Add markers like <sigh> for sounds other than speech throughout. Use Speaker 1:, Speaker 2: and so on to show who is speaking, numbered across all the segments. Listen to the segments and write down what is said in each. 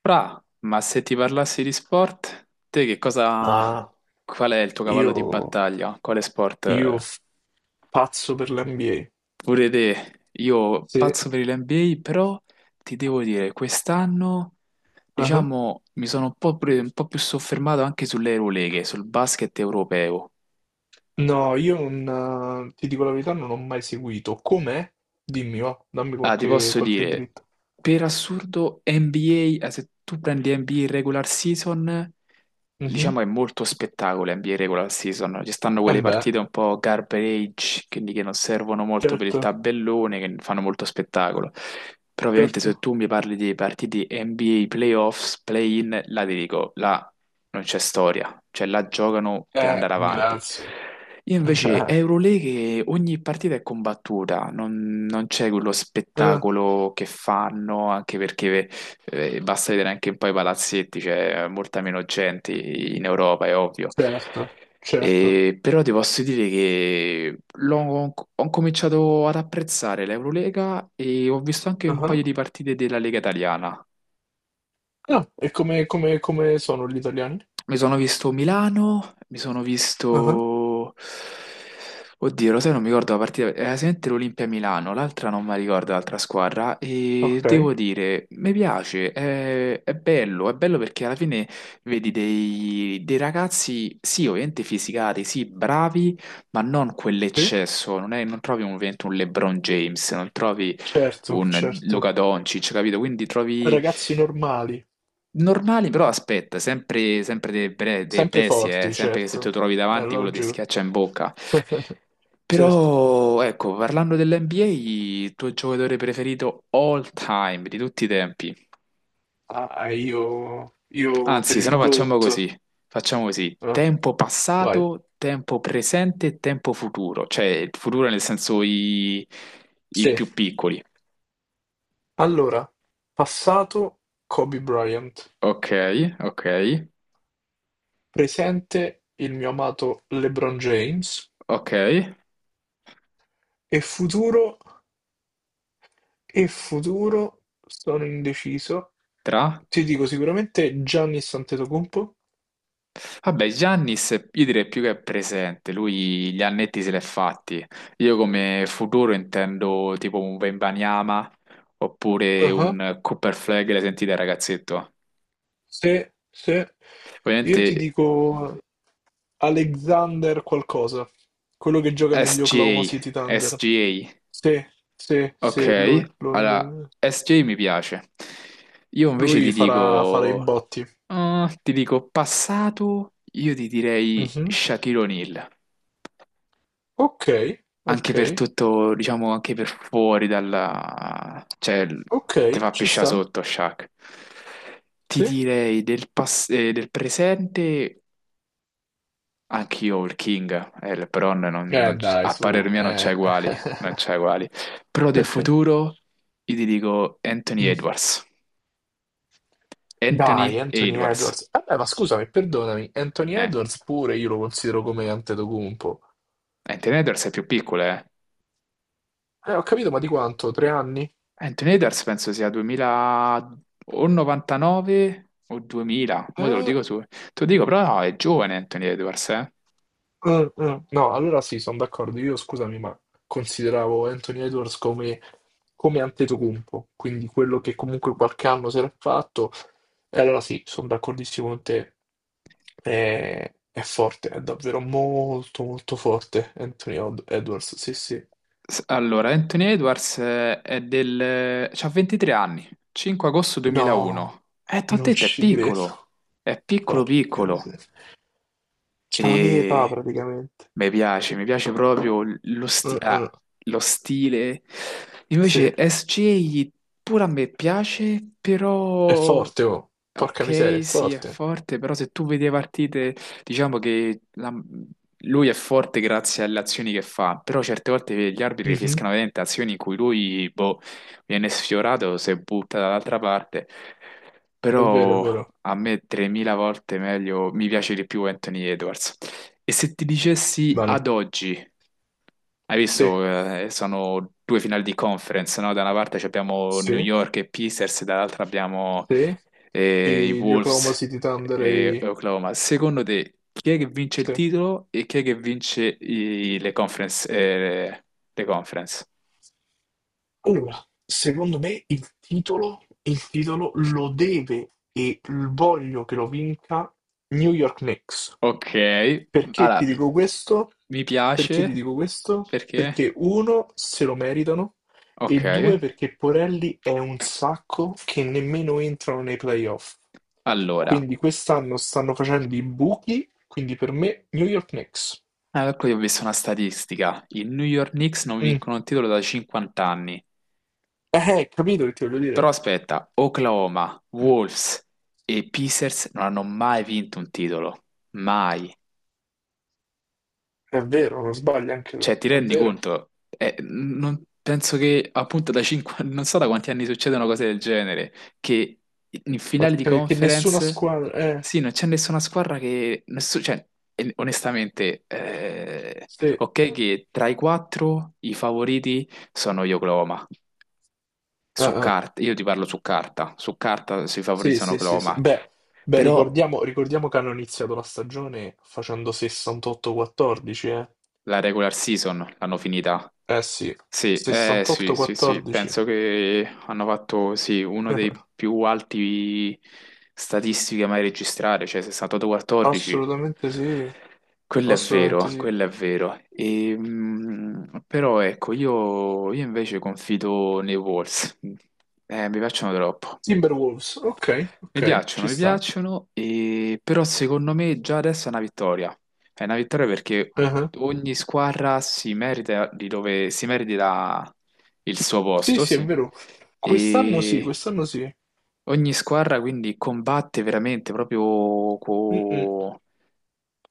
Speaker 1: Fra, ma se ti parlassi di sport, te che cosa...
Speaker 2: Ah,
Speaker 1: Qual è il tuo cavallo di
Speaker 2: io,
Speaker 1: battaglia? Quale sport?
Speaker 2: io f- pazzo per l'NBA.
Speaker 1: Pure te, io
Speaker 2: Sì.
Speaker 1: pazzo per l'NBA, però ti devo dire, quest'anno,
Speaker 2: Ah.
Speaker 1: diciamo, mi sono un po' più soffermato anche sulle Euroleghe, sul basket europeo.
Speaker 2: No, io non, ti dico la verità, non ho mai seguito. Com'è? Dimmi, va, dammi
Speaker 1: Ah, ti
Speaker 2: qualche,
Speaker 1: posso
Speaker 2: qualche
Speaker 1: dire,
Speaker 2: dritta.
Speaker 1: per assurdo, NBA, se tu prendi NBA regular season,
Speaker 2: Mhm.
Speaker 1: diciamo è molto spettacolo NBA regular season. Ci stanno
Speaker 2: Eh
Speaker 1: quelle
Speaker 2: beh,
Speaker 1: partite un po' garbage, quindi che non servono molto per il
Speaker 2: certo,
Speaker 1: tabellone, che fanno molto spettacolo. Però ovviamente se
Speaker 2: certo.
Speaker 1: tu mi parli di partite NBA playoffs, play-in, là ti dico, là non c'è storia, cioè là giocano per andare avanti.
Speaker 2: Grazie.
Speaker 1: Io invece
Speaker 2: <laughs>
Speaker 1: Euroleague ogni partita è combattuta, non c'è quello
Speaker 2: Eh, eh,
Speaker 1: spettacolo che fanno, anche perché basta vedere anche un po' i palazzetti, c'è molta meno gente in Europa, è ovvio.
Speaker 2: certo, certo.
Speaker 1: E, però ti posso dire che ho cominciato ad apprezzare l'Eurolega e ho visto anche un
Speaker 2: Ah,
Speaker 1: paio di partite della Lega Italiana.
Speaker 2: ah, e come sono gli italiani?
Speaker 1: Mi sono visto Milano, mi sono
Speaker 2: Ah,
Speaker 1: visto... Oddio, lo sai, non mi ricordo la partita, era sicuramente l'Olimpia Milano, l'altra non mi ricordo, l'altra squadra, e
Speaker 2: Ok,
Speaker 1: devo dire, mi piace, è bello, è bello perché alla fine vedi dei ragazzi, sì, ovviamente fisicati, sì, bravi, ma non
Speaker 2: sì,
Speaker 1: quell'eccesso, non, non trovi ovviamente un LeBron James, non trovi
Speaker 2: certo,
Speaker 1: un Luca
Speaker 2: certo.
Speaker 1: Doncic, capito? Quindi trovi...
Speaker 2: Ragazzi normali.
Speaker 1: Normali, però aspetta, sempre, sempre dei
Speaker 2: Sempre
Speaker 1: bestie,
Speaker 2: forti,
Speaker 1: sempre che se ti
Speaker 2: certo.
Speaker 1: trovi davanti
Speaker 2: Ero
Speaker 1: quello ti
Speaker 2: giù.
Speaker 1: schiaccia in bocca.
Speaker 2: <laughs> Certo.
Speaker 1: Però, ecco, parlando dell'NBA, il tuo giocatore preferito all time, di tutti i tempi.
Speaker 2: Ah, io per
Speaker 1: Anzi, se
Speaker 2: il
Speaker 1: no
Speaker 2: GOAT.
Speaker 1: facciamo così,
Speaker 2: Eh,
Speaker 1: tempo
Speaker 2: vai.
Speaker 1: passato, tempo presente e tempo futuro, cioè il futuro nel senso i
Speaker 2: Sì.
Speaker 1: più piccoli.
Speaker 2: Allora, passato Kobe Bryant,
Speaker 1: Ok, ok,
Speaker 2: presente il mio amato LeBron James
Speaker 1: ok,
Speaker 2: e futuro, e futuro sono indeciso.
Speaker 1: tra...
Speaker 2: Ti dico sicuramente Giannis Antetokounmpo.
Speaker 1: Vabbè, Giannis io direi più che è presente, lui gli annetti se l'è fatti. Io come futuro intendo tipo un Wembanyama oppure un Cooper Flag, l'hai sentita ragazzetto?
Speaker 2: Se, io ti
Speaker 1: Ovviamente
Speaker 2: dico Alexander qualcosa, quello che gioca negli Oklahoma City
Speaker 1: SGA,
Speaker 2: Thunder.
Speaker 1: SGA,
Speaker 2: Sì, sì, sì,
Speaker 1: ok,
Speaker 2: lui, lui,
Speaker 1: allora
Speaker 2: lui,
Speaker 1: SGA mi piace. Io invece
Speaker 2: lui farà i botti.
Speaker 1: ti dico passato, io ti direi
Speaker 2: Mhm.
Speaker 1: Shaquille O'Neal.
Speaker 2: Ok, ok,
Speaker 1: Anche per tutto, diciamo, anche per fuori dalla... cioè,
Speaker 2: ok,
Speaker 1: te fa
Speaker 2: ci
Speaker 1: pisciare
Speaker 2: sta.
Speaker 1: sotto, Shaq. Ti
Speaker 2: Sì.
Speaker 1: direi del presente, anch'io il King, LeBron, non, non c-
Speaker 2: Dai,
Speaker 1: a parer
Speaker 2: su.
Speaker 1: mio non c'è
Speaker 2: Eh.
Speaker 1: uguali, non c'è uguali. Però del
Speaker 2: <laughs>
Speaker 1: futuro, io ti dico Anthony
Speaker 2: Mm.
Speaker 1: Edwards. Anthony
Speaker 2: Dai, Anthony
Speaker 1: Edwards.
Speaker 2: Edwards. Vabbè, ma scusami, perdonami, Anthony
Speaker 1: Eh,
Speaker 2: Edwards pure io lo considero come Antetokounmpo.
Speaker 1: Anthony Edwards è più piccolo, eh.
Speaker 2: Ho capito, ma di quanto? 3 anni?
Speaker 1: Anthony Edwards penso sia 2000 o 99 o 2000, mo te lo
Speaker 2: Eh,
Speaker 1: dico su. Te lo dico, però no, è giovane Anthony Edwards, eh.
Speaker 2: mm, mm. No, allora sì, sono d'accordo. Io, scusami, ma consideravo Anthony Edwards come Antetokounmpo, quindi quello che comunque qualche anno si era fatto. E allora sì, sono d'accordissimo con te. È forte, è davvero molto, molto forte Anthony Edwards. Sì, sì.
Speaker 1: Allora, Anthony Edwards è del... c'ha 23 anni, 5 agosto
Speaker 2: No,
Speaker 1: 2001. T'ho
Speaker 2: non
Speaker 1: detto,
Speaker 2: ci credo.
Speaker 1: è piccolo
Speaker 2: Porca
Speaker 1: piccolo.
Speaker 2: miseria. C'ha la mia età
Speaker 1: E
Speaker 2: praticamente.
Speaker 1: mi piace proprio
Speaker 2: Mm, mm.
Speaker 1: lo stile.
Speaker 2: Sì.
Speaker 1: Invece SJ pure a me piace,
Speaker 2: È
Speaker 1: però
Speaker 2: forte, oh. Porca miseria,
Speaker 1: ok,
Speaker 2: è
Speaker 1: sì, è
Speaker 2: forte.
Speaker 1: forte, però se tu vedi le partite, diciamo che lui è forte grazie alle azioni che fa, però certe volte gli arbitri
Speaker 2: Mhm.
Speaker 1: fischiano veramente azioni in cui lui, boh, viene sfiorato, si butta dall'altra parte,
Speaker 2: È vero, è
Speaker 1: però
Speaker 2: vero.
Speaker 1: a me 3000 volte meglio, mi piace di più Anthony Edwards. E se ti dicessi
Speaker 2: Bene.
Speaker 1: ad oggi? Hai
Speaker 2: Sì,
Speaker 1: visto, sono due finali di conference, no? Da una parte ci abbiamo New
Speaker 2: sì,
Speaker 1: York e Pacers, dall'altra abbiamo
Speaker 2: sì.
Speaker 1: i
Speaker 2: E gli Oklahoma
Speaker 1: Wolves
Speaker 2: City Thunder e...
Speaker 1: e
Speaker 2: i-
Speaker 1: Oklahoma. Secondo te, chi è che vince il
Speaker 2: Sì.
Speaker 1: titolo e chi è che vince le conference, le conference?
Speaker 2: Allora, secondo me il titolo lo deve e l- voglio che lo vinca New York Knicks.
Speaker 1: Ok,
Speaker 2: Perché ti
Speaker 1: allora,
Speaker 2: dico questo?
Speaker 1: mi
Speaker 2: Perché ti
Speaker 1: piace
Speaker 2: dico questo?
Speaker 1: perché...
Speaker 2: Perché uno, se lo meritano, e
Speaker 1: Ok,
Speaker 2: due, perché Porelli è un sacco che nemmeno entrano nei playoff.
Speaker 1: allora,
Speaker 2: Quindi quest'anno stanno facendo i buchi, quindi per me New York Knicks.
Speaker 1: ecco io ho visto una statistica. I New York Knicks non
Speaker 2: Mm.
Speaker 1: vincono il titolo da 50 anni.
Speaker 2: Capito che ti voglio dire?
Speaker 1: Però aspetta, Oklahoma,
Speaker 2: Mm.
Speaker 1: Wolves e Pacers non hanno mai vinto un titolo, mai.
Speaker 2: È vero, non sbagli anche tu,
Speaker 1: Cioè, ti
Speaker 2: è
Speaker 1: rendi
Speaker 2: vero.
Speaker 1: conto? Penso che appunto da 5, <laughs> non so da quanti anni succedono cose del genere, che in finale di
Speaker 2: Che nessuna
Speaker 1: conference,
Speaker 2: squadra.
Speaker 1: sì, non c'è nessuna squadra che... cioè, onestamente,
Speaker 2: Sì.
Speaker 1: ok che tra i quattro i favoriti sono gli Oklahoma,
Speaker 2: Ah,
Speaker 1: su
Speaker 2: ah.
Speaker 1: carta, io ti parlo su carta i favoriti
Speaker 2: Sì,
Speaker 1: sono
Speaker 2: sì, sì, sì.
Speaker 1: Oklahoma.
Speaker 2: Beh, beh,
Speaker 1: Però
Speaker 2: ricordiamo, ricordiamo che hanno iniziato la stagione facendo 68-14, eh.
Speaker 1: la regular season l'hanno finita.
Speaker 2: Eh sì,
Speaker 1: Sì, sì, sì, sì,
Speaker 2: 68-14.
Speaker 1: penso che hanno fatto sì, uno dei
Speaker 2: <laughs>
Speaker 1: più alti statistiche mai registrare, cioè 68-14.
Speaker 2: Assolutamente sì,
Speaker 1: Quello è vero,
Speaker 2: assolutamente sì.
Speaker 1: quello è vero. E, però ecco, io invece confido nei Wolves. Mi piacciono troppo.
Speaker 2: Timberwolves, ok, ok, ci
Speaker 1: Mi
Speaker 2: sta.
Speaker 1: piacciono, però secondo me già adesso è una vittoria. È una vittoria perché
Speaker 2: Ah.
Speaker 1: ogni squadra si merita di dove si merita il suo
Speaker 2: Sì,
Speaker 1: posto,
Speaker 2: sì, è
Speaker 1: sì.
Speaker 2: vero. Quest'anno sì,
Speaker 1: E
Speaker 2: quest'anno sì.
Speaker 1: ogni squadra quindi combatte veramente proprio
Speaker 2: Mm, mm.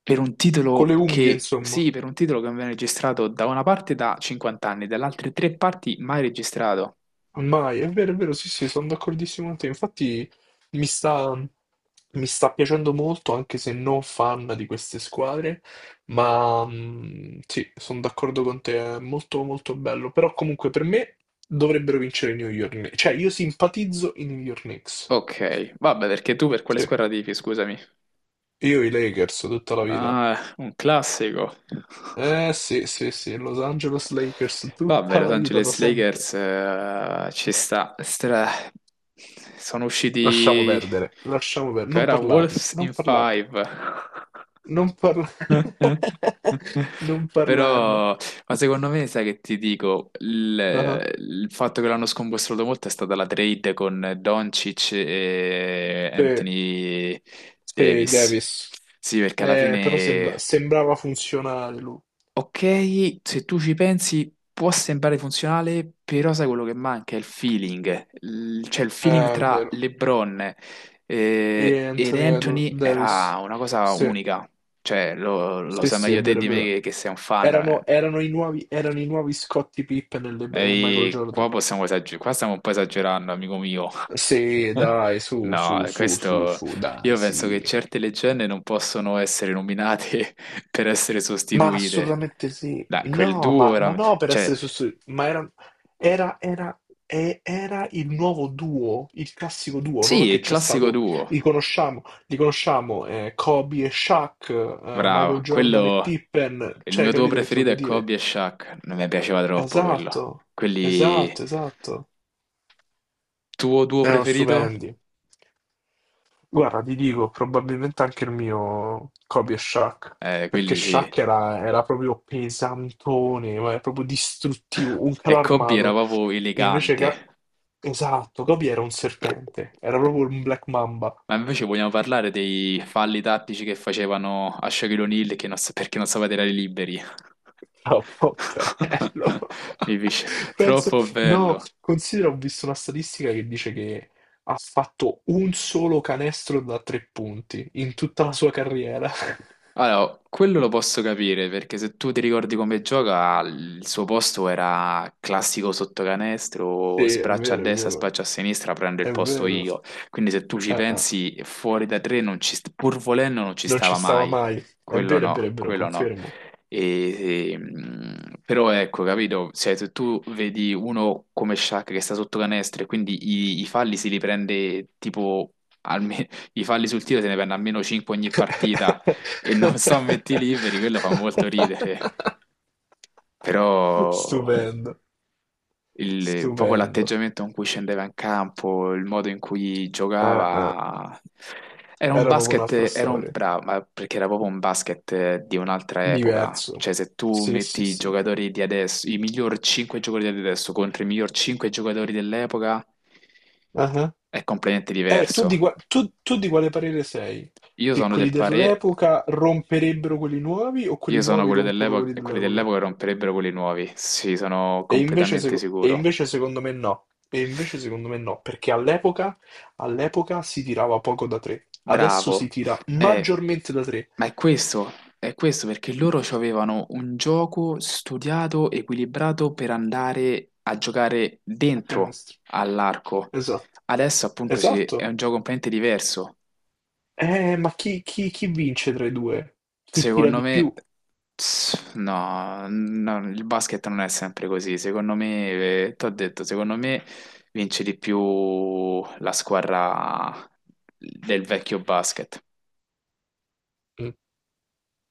Speaker 1: per un
Speaker 2: Con
Speaker 1: titolo
Speaker 2: le unghie,
Speaker 1: che,
Speaker 2: insomma.
Speaker 1: sì, per un titolo che non viene registrato da una parte da 50 anni, dalle altre tre parti mai registrato.
Speaker 2: Mai, è vero, sì, sì, sono d'accordissimo con te. Infatti mi sta, mi sta piacendo molto, anche se non fan di queste squadre, ma sì, sono d'accordo con te, è molto molto bello. Però comunque per me dovrebbero vincere i New York Knicks. Cioè, io simpatizzo i New York Knicks.
Speaker 1: Ok, vabbè, perché tu per quale
Speaker 2: Sì,
Speaker 1: squadra tifi, scusami?
Speaker 2: io i Lakers tutta la vita.
Speaker 1: Ah, un classico.
Speaker 2: Eh sì, sì, sì, Los Angeles Lakers
Speaker 1: Vabbè,
Speaker 2: tutta
Speaker 1: Los
Speaker 2: la vita, da
Speaker 1: Angeles
Speaker 2: sempre.
Speaker 1: Lakers ci sta. Sono usciti
Speaker 2: Lasciamo perdere,
Speaker 1: che
Speaker 2: non
Speaker 1: era
Speaker 2: parlarne,
Speaker 1: Wolves
Speaker 2: non
Speaker 1: in
Speaker 2: parlarne.
Speaker 1: Five.
Speaker 2: Non parla- <laughs>
Speaker 1: <laughs>
Speaker 2: Non parlarne.
Speaker 1: Però, ma secondo me, sai che ti dico,
Speaker 2: Ah,
Speaker 1: il fatto che l'hanno scombussolato molto è stata la trade con Doncic e
Speaker 2: Sì,
Speaker 1: Anthony
Speaker 2: sì,
Speaker 1: Davis.
Speaker 2: Davis.
Speaker 1: Sì, perché alla
Speaker 2: Però sembra-
Speaker 1: fine.
Speaker 2: sembrava funzionare lui.
Speaker 1: Ok, se tu ci pensi può sembrare funzionale, però sai quello che manca? È il feeling. Cioè il feeling
Speaker 2: È
Speaker 1: tra
Speaker 2: vero.
Speaker 1: LeBron
Speaker 2: E
Speaker 1: ed
Speaker 2: Anthony
Speaker 1: Anthony era
Speaker 2: Davis.
Speaker 1: una cosa
Speaker 2: Sì,
Speaker 1: unica. Cioè lo
Speaker 2: sì,
Speaker 1: sai
Speaker 2: sì, è
Speaker 1: meglio te
Speaker 2: vero, è
Speaker 1: di me
Speaker 2: vero.
Speaker 1: che sei un fan. Eh.
Speaker 2: Erano i nuovi Scottie Pippen e Michael
Speaker 1: E
Speaker 2: Jordan.
Speaker 1: qua possiamo esagerare, qua stiamo un po' esagerando, amico mio.
Speaker 2: Sì, dai, su, su,
Speaker 1: No,
Speaker 2: su, su,
Speaker 1: questo
Speaker 2: su, dai,
Speaker 1: io penso che
Speaker 2: sì.
Speaker 1: certe leggende non possono essere nominate <laughs> per essere
Speaker 2: Ma
Speaker 1: sostituite.
Speaker 2: assolutamente sì.
Speaker 1: Dai, quel
Speaker 2: No,
Speaker 1: duo
Speaker 2: ma
Speaker 1: era...
Speaker 2: no per
Speaker 1: Cioè,
Speaker 2: essere sostituiti, ma era, era, era il nuovo duo, il classico duo, no?
Speaker 1: sì,
Speaker 2: Che
Speaker 1: il
Speaker 2: c'è
Speaker 1: classico
Speaker 2: stato,
Speaker 1: duo.
Speaker 2: li conosciamo Kobe e Shaq, Michael
Speaker 1: Bravo,
Speaker 2: Jordan e
Speaker 1: quello...
Speaker 2: Pippen,
Speaker 1: Il
Speaker 2: cioè,
Speaker 1: mio duo
Speaker 2: capito che ti
Speaker 1: preferito
Speaker 2: voglio
Speaker 1: è
Speaker 2: dire?
Speaker 1: Kobe e Shaq. Non mi piaceva troppo quello.
Speaker 2: Esatto,
Speaker 1: Quelli...
Speaker 2: esatto, esatto.
Speaker 1: Tuo duo
Speaker 2: Erano
Speaker 1: preferito?
Speaker 2: stupendi. Guarda, ti dico, probabilmente anche il mio Kobe e Shaq, perché
Speaker 1: Quelli sì.
Speaker 2: Shaq era proprio pesantone, ma era proprio distruttivo, un
Speaker 1: <laughs>
Speaker 2: calo
Speaker 1: E Kobe era
Speaker 2: armato.
Speaker 1: proprio
Speaker 2: Invece che.
Speaker 1: elegante.
Speaker 2: Esatto, Kobe era un serpente, era proprio un Black Mamba.
Speaker 1: Ma invece vogliamo parlare dei falli tattici che facevano a Shaquille O'Neal che non sa- perché non sapeva tirare liberi.
Speaker 2: Troppo bello.
Speaker 1: <laughs>
Speaker 2: <laughs>
Speaker 1: Mi dice,
Speaker 2: Penso.
Speaker 1: troppo
Speaker 2: No,
Speaker 1: bello.
Speaker 2: considera, ho visto una statistica che dice che ha fatto un solo canestro da tre punti in tutta la sua carriera. <laughs>
Speaker 1: Allora, quello lo posso capire perché se tu ti ricordi come gioca, il suo posto era classico
Speaker 2: Sì,
Speaker 1: sottocanestro,
Speaker 2: è
Speaker 1: spraccia a
Speaker 2: vero, è
Speaker 1: destra,
Speaker 2: vero.
Speaker 1: spraccia a sinistra, prendo il
Speaker 2: È
Speaker 1: posto
Speaker 2: vero.
Speaker 1: io. Quindi se tu ci
Speaker 2: Ah, ah.
Speaker 1: pensi, fuori da tre, non ci st- pur volendo, non ci
Speaker 2: Non ci
Speaker 1: stava
Speaker 2: stava
Speaker 1: mai.
Speaker 2: mai. È
Speaker 1: Quello
Speaker 2: vero, è vero,
Speaker 1: no,
Speaker 2: è vero,
Speaker 1: quello no.
Speaker 2: confermo.
Speaker 1: E, però ecco, capito? Cioè, se tu vedi uno come Shaq che sta sotto canestro e quindi i falli si li prende tipo alme- <laughs> i falli sul tiro se ne prende almeno 5 ogni partita e non <laughs> sto metti liberi, quello fa molto ridere,
Speaker 2: <laughs>
Speaker 1: però
Speaker 2: Stupendo,
Speaker 1: proprio
Speaker 2: stupendo.
Speaker 1: l'atteggiamento con cui scendeva in campo, il modo in cui
Speaker 2: Ah, ah.
Speaker 1: giocava, era un
Speaker 2: Era proprio
Speaker 1: basket,
Speaker 2: un'altra storia.
Speaker 1: bravo, ma perché era proprio un basket di un'altra epoca.
Speaker 2: Diverso.
Speaker 1: Cioè, se tu
Speaker 2: Sì,
Speaker 1: metti
Speaker 2: sì,
Speaker 1: i
Speaker 2: sì.
Speaker 1: giocatori di adesso, i miglior 5 giocatori di adesso contro i miglior 5 giocatori dell'epoca,
Speaker 2: Ah, ah.
Speaker 1: è completamente
Speaker 2: Tu di,
Speaker 1: diverso.
Speaker 2: qua- tu- tu di quale parere sei?
Speaker 1: Io
Speaker 2: Che
Speaker 1: sono
Speaker 2: quelli
Speaker 1: del parere.
Speaker 2: dell'epoca romperebbero quelli nuovi o quelli
Speaker 1: Io sono
Speaker 2: nuovi
Speaker 1: quelli
Speaker 2: rompono
Speaker 1: dell'epoca
Speaker 2: quelli
Speaker 1: e quelli
Speaker 2: dell'epoca?
Speaker 1: dell'epoca romperebbero quelli nuovi. Sì, sono
Speaker 2: E invece,
Speaker 1: completamente
Speaker 2: seco- e
Speaker 1: sicuro.
Speaker 2: invece secondo me no, e invece secondo me no, perché all'epoca si tirava poco da tre, adesso si
Speaker 1: Bravo.
Speaker 2: tira
Speaker 1: Eh,
Speaker 2: maggiormente da tre
Speaker 1: ma è questo perché loro avevano un gioco studiato, equilibrato per andare a giocare
Speaker 2: a
Speaker 1: dentro
Speaker 2: canestro.
Speaker 1: all'arco.
Speaker 2: Esatto,
Speaker 1: Adesso appunto sì, è
Speaker 2: esatto.
Speaker 1: un gioco completamente diverso.
Speaker 2: Ma chi vince tra i due? Chi tira
Speaker 1: Secondo
Speaker 2: di
Speaker 1: me,
Speaker 2: più?
Speaker 1: no, no, il basket non è sempre così. Secondo me, ti ho detto, secondo me vince di più la squadra del vecchio basket.